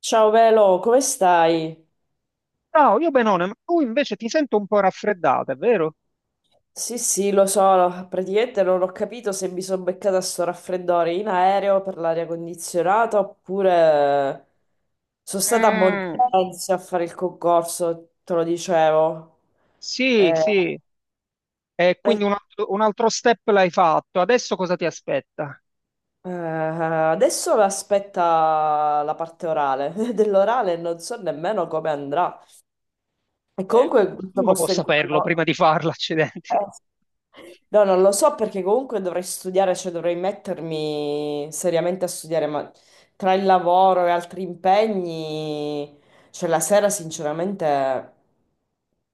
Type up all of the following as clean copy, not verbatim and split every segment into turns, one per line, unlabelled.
Ciao Velo, come stai?
Ciao, io Benone, ma tu invece ti sento un po' raffreddata, è vero?
Sì, sì, lo so, praticamente non ho capito se mi sono beccata sto raffreddore in aereo per l'aria condizionata oppure sono stata a
Mm,
Montenzio a fare il concorso, te lo dicevo.
sì,
Eh,
sì, e quindi
eh,
un altro step l'hai fatto. Adesso cosa ti aspetta?
Adesso mi aspetta la parte orale, dell'orale non so nemmeno come andrà. E comunque questo
Nessuno può
posto in cui
saperlo
andavo.
prima di farlo, accidenti.
No, non lo so perché comunque dovrei studiare, cioè dovrei mettermi seriamente a studiare, ma tra il lavoro e altri impegni, cioè la sera sinceramente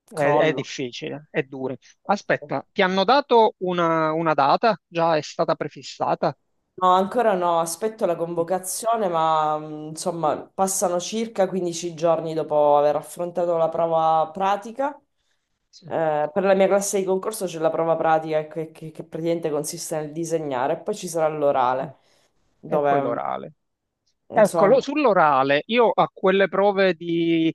È
crollo.
difficile, è duro. Aspetta, ti hanno dato una data? Già è stata prefissata?
No, ancora no, aspetto la convocazione, ma insomma passano circa 15 giorni dopo aver affrontato la prova pratica.
Sì.
Per la mia classe di concorso c'è la prova pratica che praticamente consiste nel disegnare e poi ci sarà l'orale,
E poi
dove
l'orale. Eccolo,
insomma.
sull'orale, io a quelle prove di,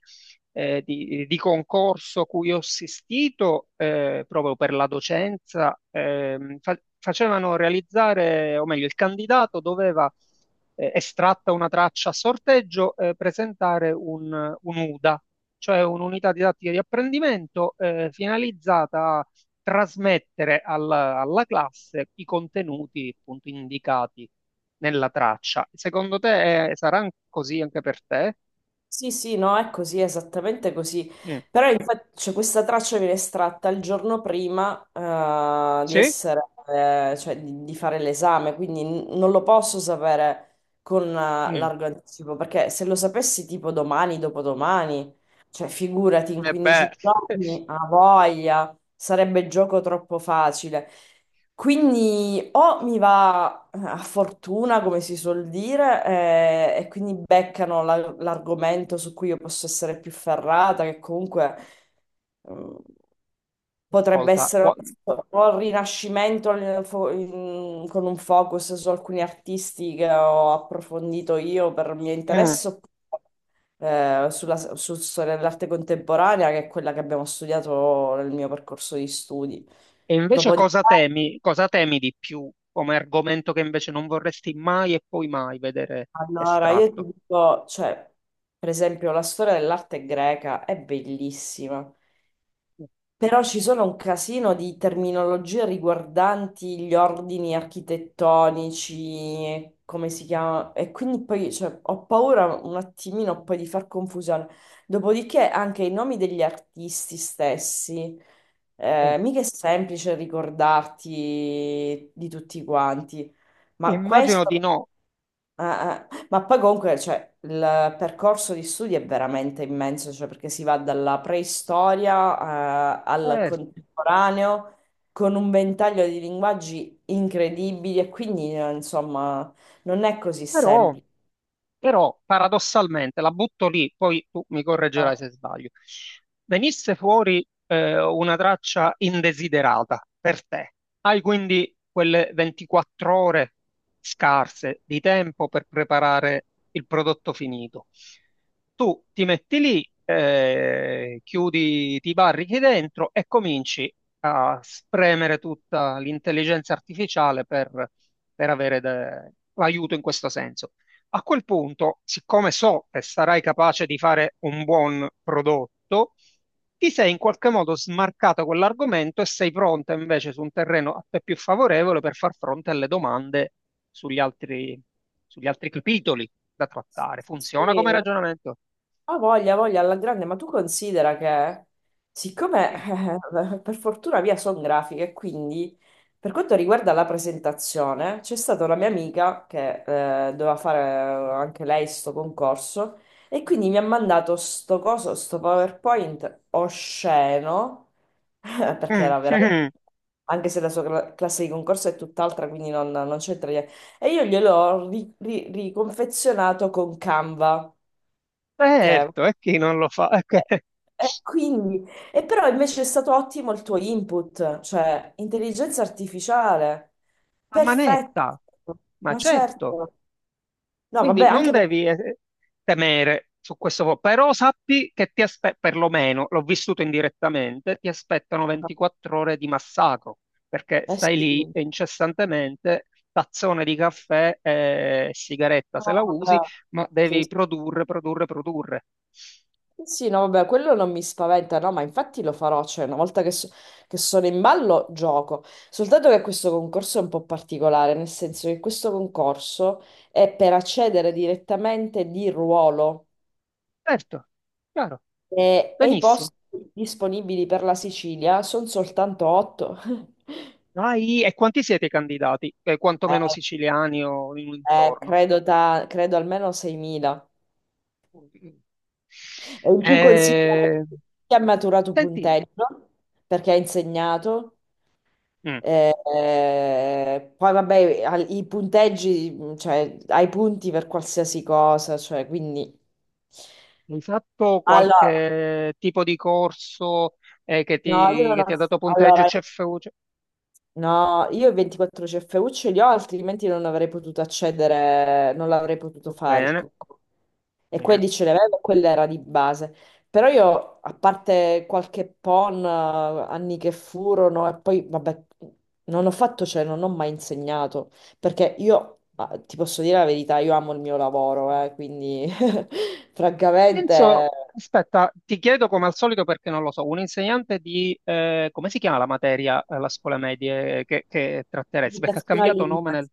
eh, di- di concorso cui ho assistito, proprio per la docenza, facevano realizzare, o meglio, il candidato doveva, estratta una traccia a sorteggio, presentare un UDA, cioè un'unità didattica di apprendimento, finalizzata trasmettere alla, alla classe i contenuti appunto indicati nella traccia. Secondo te sarà così anche per te?
Sì, sì, no, è così, esattamente così.
Mm.
Però infatti, cioè, questa traccia viene estratta il giorno prima, di
Sì?
essere cioè di fare l'esame, quindi non lo posso sapere con
Mm.
largo anticipo, perché se lo sapessi tipo domani, dopodomani, cioè figurati, in
E beh,
15 giorni a voglia, sarebbe gioco troppo facile. Quindi o mi va a fortuna, come si suol dire, e quindi beccano l'argomento su cui io posso essere più ferrata, che comunque mm, potrebbe
ascolta,
essere o il rinascimento con un focus su alcuni artisti che ho approfondito io per mio
mm.
interesse, oppure sulla, sul storia dell'arte contemporanea, che è quella che abbiamo studiato nel mio percorso di studi.
E
Dopo.
invece cosa temi di più come argomento che invece non vorresti mai e poi mai vedere
Allora, io ti
estratto?
dico, cioè, per esempio, la storia dell'arte greca è bellissima, però ci sono un casino di terminologie riguardanti gli ordini architettonici, come si chiama, e quindi poi, cioè, ho paura un attimino poi di far confusione. Dopodiché anche i nomi degli artisti stessi,
Mm.
mica è semplice ricordarti di tutti quanti. Ma
Immagino di
questo
no.
ah, ah. Ma poi comunque, cioè, il percorso di studi è veramente immenso, cioè, perché si va dalla preistoria, al
Eh,
contemporaneo, con un ventaglio di linguaggi incredibili, e quindi, insomma, non è così
però
semplice,
però paradossalmente, la butto lì, poi tu mi correggerai
no?
se sbaglio. Venisse fuori una traccia indesiderata per te. Hai quindi quelle 24 ore scarse di tempo per preparare il prodotto finito. Tu ti metti lì, chiudi, ti barrichi dentro e cominci a spremere tutta l'intelligenza artificiale per avere aiuto in questo senso. A quel punto, siccome so che sarai capace di fare un buon prodotto, ti sei in qualche modo smarcato quell'argomento e sei pronta invece su un terreno a te più favorevole per far fronte alle domande sugli altri, sugli altri capitoli da trattare. Funziona come
Sì,
ragionamento?
ah, voglia, voglia, alla grande, ma tu considera che, siccome
Mm.
per fortuna via sono grafiche, quindi per quanto riguarda la presentazione, c'è stata una mia amica che doveva fare anche lei sto concorso, e quindi mi ha mandato sto coso, sto PowerPoint osceno, perché
Mm,
era veramente...
mm.
Anche se la sua classe di concorso è tutt'altra, quindi non, non c'entra niente. E io gliel'ho riconfezionato con Canva, che
Certo, e chi non lo fa?
quindi, e però invece è stato ottimo il tuo input, cioè intelligenza artificiale,
A
perfetto,
manetta, ma
ma
certo.
certo, no vabbè,
Quindi non
anche per...
devi temere su questo, però sappi che ti aspettano, perlomeno l'ho vissuto indirettamente, ti aspettano 24 ore di massacro, perché
Eh sì,
stai lì
no
e incessantemente, tazzone di caffè e sigaretta se la usi,
vabbè,
ma
sì,
devi
sì.
produrre, produrre, produrre.
Sì, no vabbè, quello non mi spaventa, no, ma infatti lo farò, cioè una volta che, che sono in ballo gioco, soltanto che questo concorso è un po' particolare, nel senso che questo concorso è per accedere direttamente di ruolo.
Certo, chiaro,
E i
benissimo.
posti disponibili per la Sicilia sono soltanto 8.
Vai, e quanti siete i candidati?
Eh,
Quantomeno siciliani o in un intorno?
Credo, credo almeno 6.000. E in più considera
Eh,
che ha maturato
senti,
punteggio perché ha insegnato.
mm.
Poi vabbè, i punteggi, cioè hai punti per qualsiasi cosa, cioè quindi...
Hai fatto
Allora,
qualche tipo di corso
no, io non
che ti
ho...
ha dato punteggio
Allora,
CFU? Cioè,
no, io i 24 CFU ce li ho, altrimenti non avrei potuto accedere, non l'avrei potuto fare il
bene,
cocco. E
bene.
quelli ce li avevo, quella era di base. Però io, a parte qualche PON, anni che furono, e poi, vabbè, non ho fatto, cioè, non ho mai insegnato, perché io, ah, ti posso dire la verità, io amo il mio lavoro, quindi, francamente,
Penso, aspetta, ti chiedo come al solito perché non lo so, un insegnante di, come si chiama la materia alla scuola medie che tratteresti? Perché ha
educazione
cambiato nome nel...
all'immagine.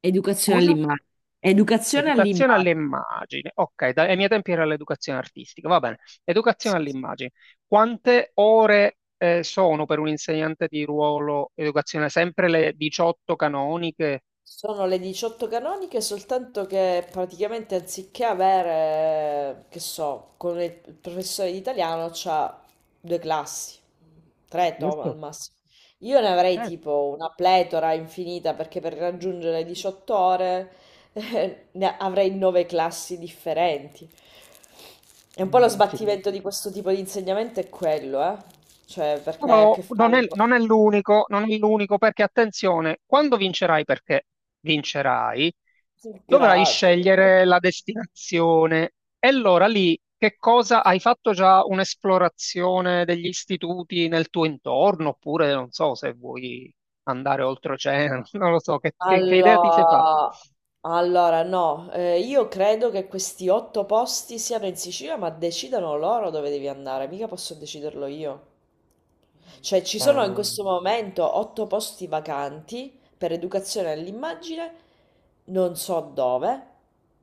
Educazione
Scusa?
all'immagine. Educazione
Educazione
all'immagine.
all'immagine. Ok, dai, ai miei tempi era l'educazione artistica, va bene. Educazione
Sì,
all'immagine. Quante ore sono per un insegnante di ruolo educazione? Sempre le 18 canoniche?
sono le 18 canoniche, soltanto che praticamente anziché avere, che so, con il professore di italiano c'ha due classi, al massimo. Io ne avrei tipo una pletora infinita perché per raggiungere le 18 ore ne avrei nove classi differenti. E un po' lo sbattimento di questo tipo di insegnamento è quello, eh? Cioè, perché hai a
Però
che
non
fare
è,
con...
non è l'unico, non è l'unico perché attenzione, quando vincerai, perché vincerai, dovrai
Grazie.
scegliere la destinazione. E allora lì che cosa hai fatto già un'esplorazione degli istituti nel tuo intorno? Oppure non so se vuoi andare oltreoceano, non lo so, che idea ti sei fatta?
Allora, allora, no, io credo che questi otto posti siano in Sicilia, ma decidano loro dove devi andare, mica posso deciderlo io. Cioè, ci
Eh,
sono in questo momento otto posti vacanti per educazione all'immagine, non so dove.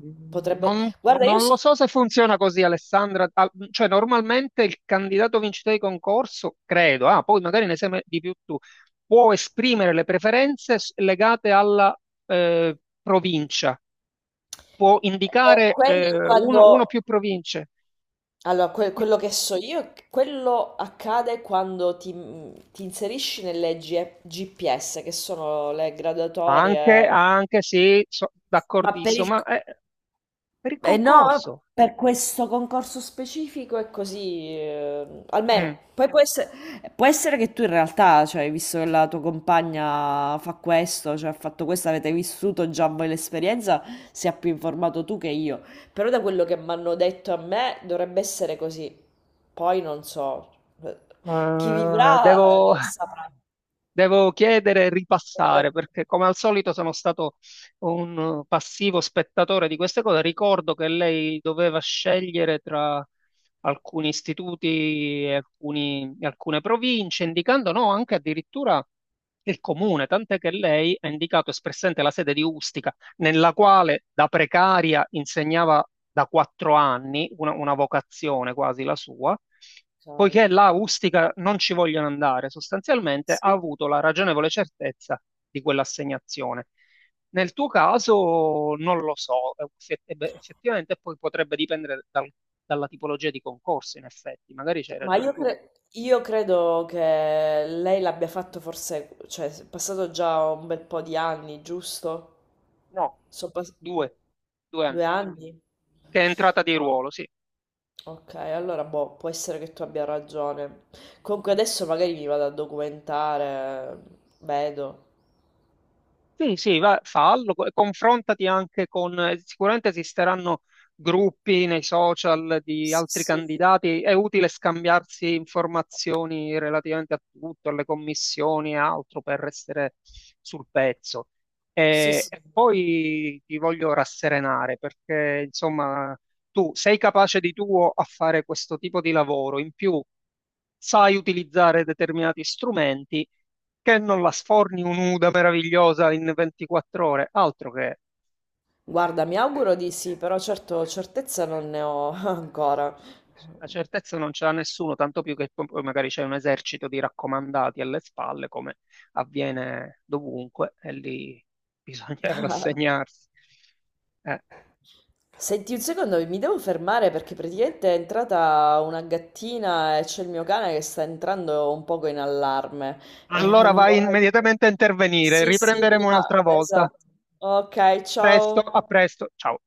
Mm,
Potrebbe... Guarda, io...
Non lo so se funziona così, Alessandra. Cioè, normalmente il candidato vincitore di concorso, credo, ah, poi magari ne sai di più tu, può esprimere le preferenze legate alla provincia, può indicare
quelli
uno, uno o
quando...
più province.
Allora, quello che so io, è che quello accade quando ti, ti inserisci nelle GPS, che sono le graduatorie,
Anche, anche sì,
ma per
d'accordissimo,
il,
ma per il
e no,
concorso.
per questo concorso specifico è così,
Mm.
almeno. Poi può essere che tu in realtà, cioè, visto che la tua compagna fa questo, cioè ha fatto questo, avete vissuto già voi l'esperienza, sia più informato tu che io. Però da quello che mi hanno detto a me dovrebbe essere così. Poi non so, chi vivrà
Devo,
saprà.
devo chiedere e
Cioè,
ripassare
dovrebbe...
perché, come al solito, sono stato un passivo spettatore di queste cose. Ricordo che lei doveva scegliere tra alcuni istituti e alcune province, indicando no, anche addirittura il comune, tant'è che lei ha indicato espressamente la sede di Ustica nella quale da precaria insegnava da 4 anni, una vocazione quasi la sua,
Ok,
poiché là a Ustica non ci vogliono andare, sostanzialmente ha
sì.
avuto la ragionevole certezza di quell'assegnazione. Nel tuo caso non lo so, effettivamente poi potrebbe dipendere dalla tipologia di concorso, in effetti, magari c'hai
Ma
ragione
io,
tu.
io credo che lei l'abbia fatto forse, cioè è passato già un bel po' di anni, giusto?
No,
Sono passati
due, due
due
anni,
anni?
che è entrata di
No.
ruolo, sì.
Ok, allora boh, può essere che tu abbia ragione. Comunque adesso magari mi vado a documentare, vedo.
Sì, sì, fallo, confrontati anche con, sicuramente esisteranno gruppi nei social di
Sì,
altri
sì.
candidati, è utile scambiarsi informazioni relativamente a tutto, alle commissioni e altro per restare sul pezzo.
Sì, sì.
E poi ti voglio rasserenare perché, insomma, tu sei capace di tuo a fare questo tipo di lavoro, in più sai utilizzare determinati strumenti che non la sforni un'uda meravigliosa in 24 ore, altro che
Guarda, mi auguro di sì, però certo certezza non ne ho ancora.
la certezza non ce l'ha nessuno, tanto più che poi magari c'è un esercito di raccomandati alle spalle, come avviene dovunque, e lì bisogna rassegnarsi. Eh,
Senti un secondo, mi devo fermare perché praticamente è entrata una gattina e c'è il mio cane che sta entrando un poco in allarme.
Allora
Non
vai
vorrei...
immediatamente a intervenire,
Sì, sì,
riprenderemo
prima...
un'altra volta.
Esatto. Ok,
Presto,
ciao.
a presto, ciao.